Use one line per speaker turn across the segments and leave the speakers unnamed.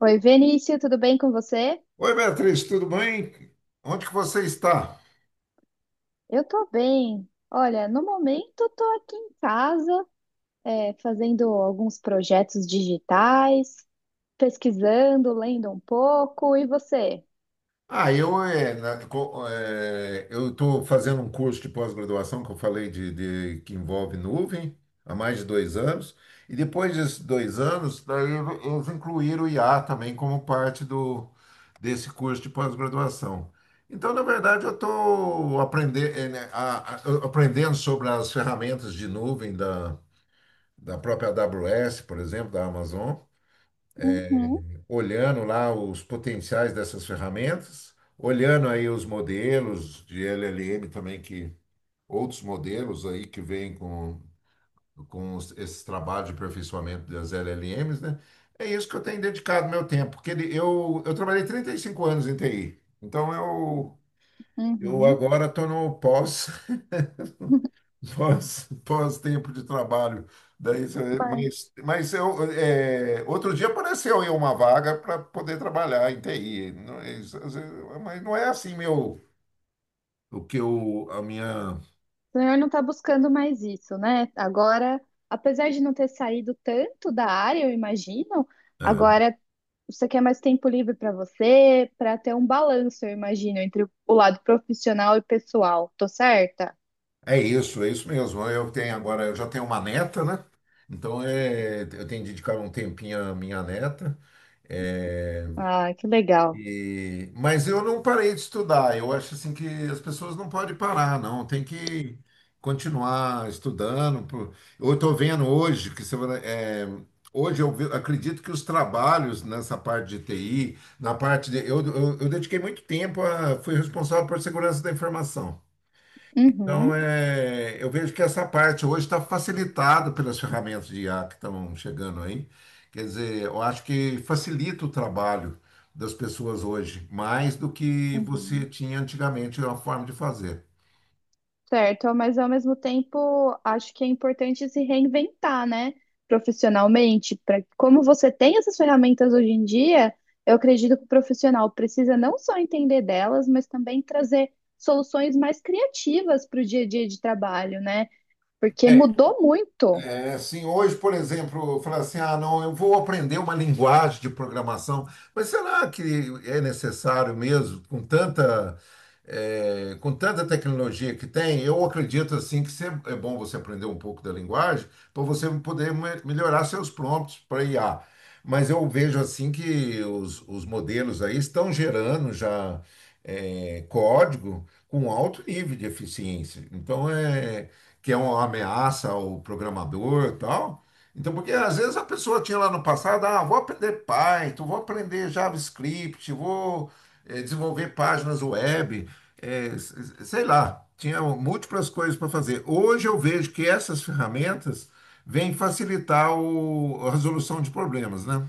Oi, Vinícius, tudo bem com você?
Oi, Beatriz, tudo bem? Onde que você está?
Eu tô bem. Olha, no momento eu tô aqui em casa, fazendo alguns projetos digitais, pesquisando, lendo um pouco. E você?
Ah, eu é, na- co- é, eu estou fazendo um curso de pós-graduação que eu falei que envolve nuvem há mais de 2 anos. E depois desses 2 anos, eles incluíram o IA também como parte do desse curso de pós-graduação. Então, na verdade, eu estou aprendendo sobre as ferramentas de nuvem da própria AWS, por exemplo, da Amazon.
Uhum,
Olhando lá os potenciais dessas ferramentas, olhando aí os modelos de LLM também, que outros modelos aí que vêm com esses trabalhos de aperfeiçoamento das LLMs, né? É isso que eu tenho dedicado meu tempo, porque eu trabalhei 35 anos em TI, então eu
uhum.
agora estou no pós. Pós-tempo de trabalho. Daí,
Mas
mas, outro dia apareceu aí uma vaga para poder trabalhar em TI. Não é isso, às vezes. Mas não é assim meu, o que eu, a minha.
o senhor não está buscando mais isso, né? Agora, apesar de não ter saído tanto da área, eu imagino,
É,
agora você quer mais tempo livre para você, para ter um balanço, eu imagino, entre o lado profissional e pessoal. Tô certa?
é isso mesmo. Eu tenho agora, eu já tenho uma neta, né? Então eu tenho dedicado um tempinho à minha neta. É,
Ah, que legal.
mas eu não parei de estudar. Eu acho assim que as pessoas não podem parar, não. Tem que continuar estudando. Eu estou vendo hoje que hoje acredito que os trabalhos nessa parte de TI, na parte de, eu dediquei muito tempo a, fui responsável por segurança da informação.
Uhum,
Então, eu vejo que essa parte hoje está facilitada pelas ferramentas de IA que estão chegando aí. Quer dizer, eu acho que facilita o trabalho das pessoas hoje, mais do que você
uhum.
tinha antigamente uma forma de fazer.
Certo, mas ao mesmo tempo acho que é importante se reinventar, né? Profissionalmente, para como você tem essas ferramentas hoje em dia, eu acredito que o profissional precisa não só entender delas, mas também trazer soluções mais criativas para o dia a dia de trabalho, né? Porque
É,
mudou muito.
É, assim, hoje, por exemplo, falar assim, ah, não, eu vou aprender uma linguagem de programação, mas será que é necessário mesmo, com tanta tecnologia que tem? Eu acredito, assim, que é bom você aprender um pouco da linguagem para você poder melhorar seus prompts para IA. Mas eu vejo, assim, que os modelos aí estão gerando já código com alto nível de eficiência. Então, é que é uma ameaça ao programador e tal. Então, porque às vezes a pessoa tinha lá no passado, ah, vou aprender Python, vou aprender JavaScript, vou desenvolver páginas web, sei lá, tinha múltiplas coisas para fazer. Hoje eu vejo que essas ferramentas vêm facilitar a resolução de problemas, né?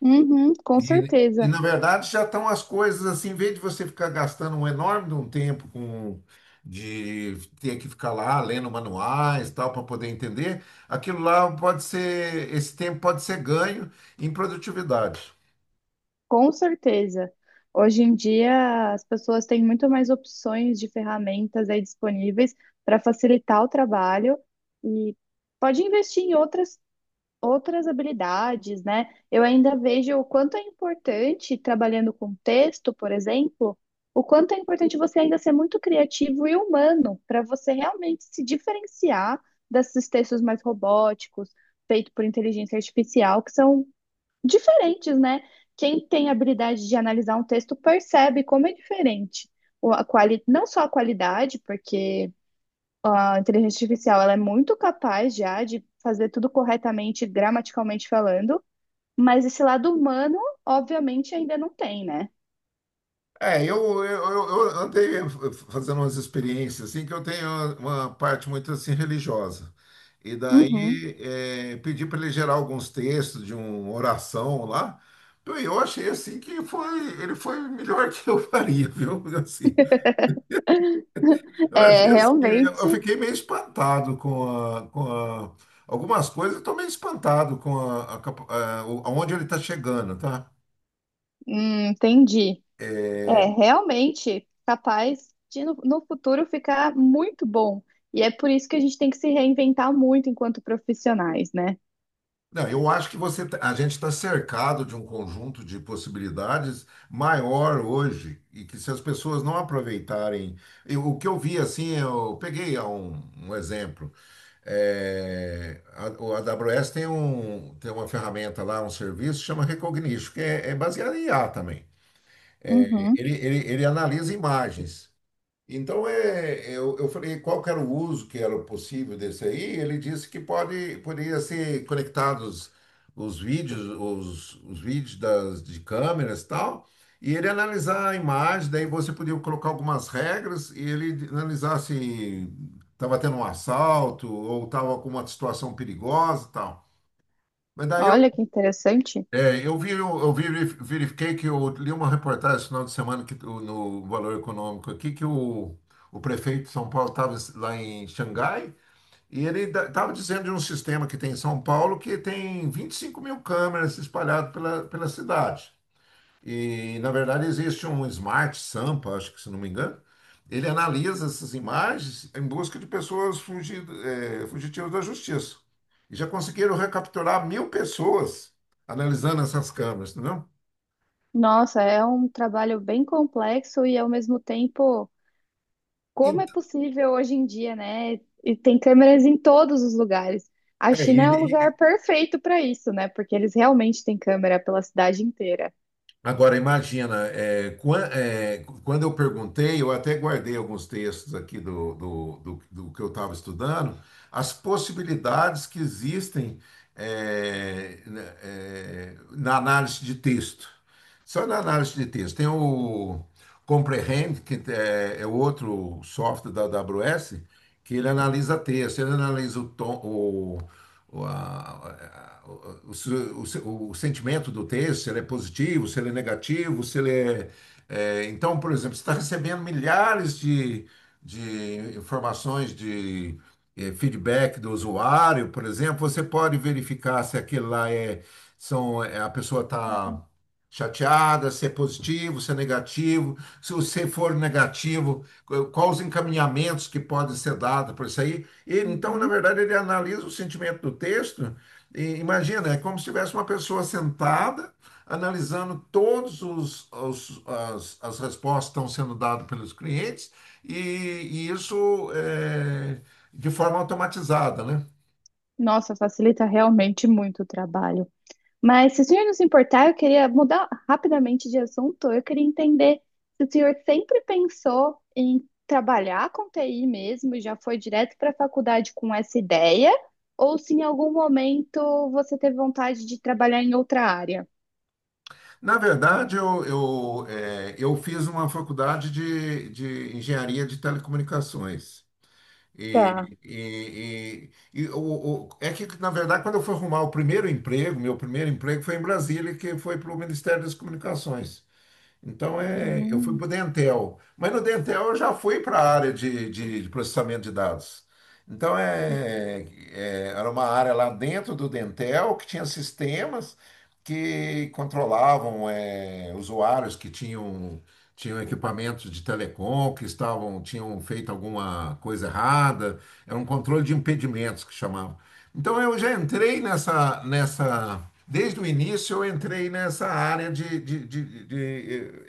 Uhum, com
E,
certeza.
na verdade, já estão as coisas assim, em vez de você ficar gastando um enorme de um tempo com de ter que ficar lá lendo manuais tal para poder entender, aquilo lá pode ser, esse tempo pode ser ganho em produtividade.
Com certeza. Hoje em dia, as pessoas têm muito mais opções de ferramentas aí disponíveis para facilitar o trabalho e pode investir em outras, outras habilidades, né? Eu ainda vejo o quanto é importante, trabalhando com texto, por exemplo, o quanto é importante você ainda ser muito criativo e humano para você realmente se diferenciar desses textos mais robóticos, feitos por inteligência artificial, que são diferentes, né? Quem tem a habilidade de analisar um texto percebe como é diferente. A quali... Não só a qualidade, porque a inteligência artificial ela é muito capaz já de fazer tudo corretamente, gramaticalmente falando, mas esse lado humano, obviamente, ainda não tem, né?
Eu andei fazendo umas experiências assim que eu tenho uma parte muito assim religiosa. E
Uhum.
daí pedi para ele gerar alguns textos de uma oração lá. Então, Eu achei assim que foi, ele foi melhor que eu faria, viu? Assim, eu
É,
achei assim, eu
realmente,
fiquei meio espantado a, com a- algumas coisas, eu estou meio espantado com a, capa- a- o- aonde ele está chegando, tá?
entendi. É
É,
realmente capaz de no futuro ficar muito bom. E é por isso que a gente tem que se reinventar muito enquanto profissionais, né?
não, eu acho que a gente está cercado de um conjunto de possibilidades maior hoje e que se as pessoas não aproveitarem, o que eu vi assim, eu peguei um exemplo. O AWS tem um, tem uma ferramenta lá, um serviço chama Recognition, que é baseado em IA também.
Uhum.
Ele analisa imagens. Então, eu falei qual que era o uso que era possível desse aí. Ele disse que poderia ser conectados os vídeos, os vídeos de câmeras e tal, e ele analisar a imagem, daí você podia colocar algumas regras e ele analisar se estava tendo um assalto ou estava com uma situação perigosa e tal. Mas daí
Olha que interessante.
eu verifiquei que eu li uma reportagem no final de semana que, no Valor Econômico aqui que o prefeito de São Paulo estava lá em Xangai e ele estava dizendo de um sistema que tem em São Paulo que tem 25 mil câmeras espalhadas pela cidade. E, na verdade, existe um Smart Sampa, acho que, se não me engano. Ele analisa essas imagens em busca de pessoas fugitivas da justiça. E já conseguiram recapturar 1.000 pessoas analisando essas câmeras, entendeu?
Nossa, é um trabalho bem complexo e ao mesmo tempo,
E,
como é possível hoje em dia, né? E tem câmeras em todos os lugares. A
é,
China é um
e-
lugar perfeito para isso, né? Porque eles realmente têm câmera pela cidade inteira.
Agora, imagina, quando eu perguntei, eu até guardei alguns textos aqui do que eu estava estudando, as possibilidades que existem, né, na análise de texto. Só na análise de texto. Tem o Comprehend, que é outro software da AWS, que ele analisa texto, ele analisa o tom, o, a- o, o sentimento do texto, se ele é positivo, se ele é negativo, se ele é. Então, por exemplo, você está recebendo milhares de informações de feedback do usuário, por exemplo, você pode verificar se aquele lá é. A pessoa está chateada, se é positivo, se é negativo. Se você for negativo, quais os encaminhamentos que podem ser dados por isso aí? Então, na
Uhum.
verdade, ele analisa o sentimento do texto. E imagina, é como se tivesse uma pessoa sentada, analisando todos as respostas que estão sendo dadas pelos clientes, e isso é, de forma automatizada, né?
Nossa, facilita realmente muito o trabalho. Mas se o senhor não se importar, eu queria mudar rapidamente de assunto. Eu queria entender se o senhor sempre pensou em trabalhar com TI mesmo, e já foi direto para a faculdade com essa ideia, ou se em algum momento você teve vontade de trabalhar em outra área.
Na verdade, eu fiz uma faculdade de engenharia de telecomunicações.
Tá.
E é que, na verdade, quando eu fui arrumar o primeiro emprego, meu primeiro emprego foi em Brasília, que foi para o Ministério das Comunicações. Então, eu fui
Hum.
para o Dentel, mas no Dentel eu já fui para a área de processamento de dados. Então, era uma área lá dentro do Dentel que tinha sistemas que controlavam, usuários que tinham equipamentos de telecom, que tinham feito alguma coisa errada. Era um controle de impedimentos que chamava. Então eu já entrei nessa, nessa desde o início eu entrei nessa área de, de, de, de,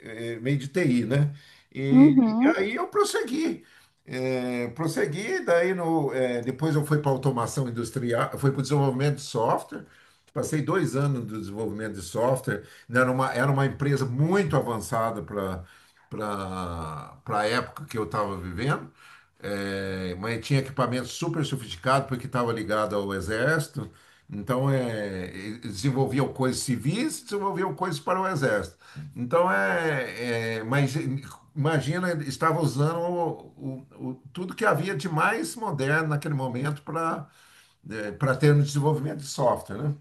eh, eh, meio de TI, né? E, uhum. E
Uhum.
aí eu prossegui, daí no, eh, depois eu fui para automação industrial, fui para o desenvolvimento de software, passei 2 anos no desenvolvimento de software, né? Era uma empresa muito avançada para a época que eu estava vivendo. É, mas tinha equipamento super sofisticado porque estava ligado ao exército. Então, desenvolviam coisas civis, desenvolviam coisas para o exército. Então, mas imagina, ele estava usando tudo que havia de mais moderno naquele momento para ter um desenvolvimento de software, né?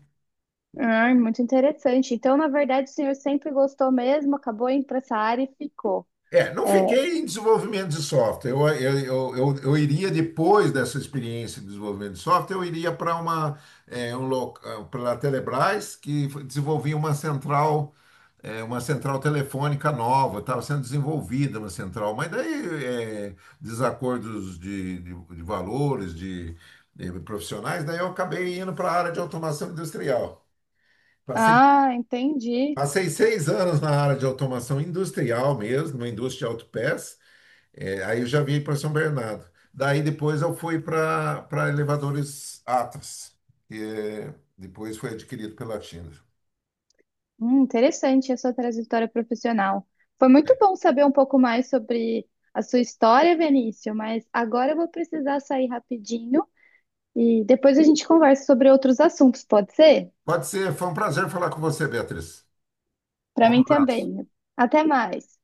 Ah, muito interessante. Então, na verdade, o senhor sempre gostou mesmo, acabou indo para essa área e ficou.
É, não
É.
fiquei em desenvolvimento de software. Eu iria, depois dessa experiência de desenvolvimento de software, eu iria para uma para a Telebrás, que desenvolvia uma central, uma central telefônica nova, estava sendo desenvolvida uma central, mas daí desacordos de valores, de profissionais, daí eu acabei indo para a área de automação industrial. Passei,
Ah, entendi.
passei 6 anos na área de automação industrial mesmo, na indústria de autopeças. É, aí eu já vim para São Bernardo. Daí depois eu fui para Elevadores Atlas, que depois foi adquirido pela China.
Interessante a sua trajetória profissional. Foi muito bom saber um pouco mais sobre a sua história, Vinícius, mas agora eu vou precisar sair rapidinho e depois a gente conversa sobre outros assuntos, pode ser?
Pode ser, foi um prazer falar com você, Beatriz.
Para
Um
mim
abraço.
também. Até mais.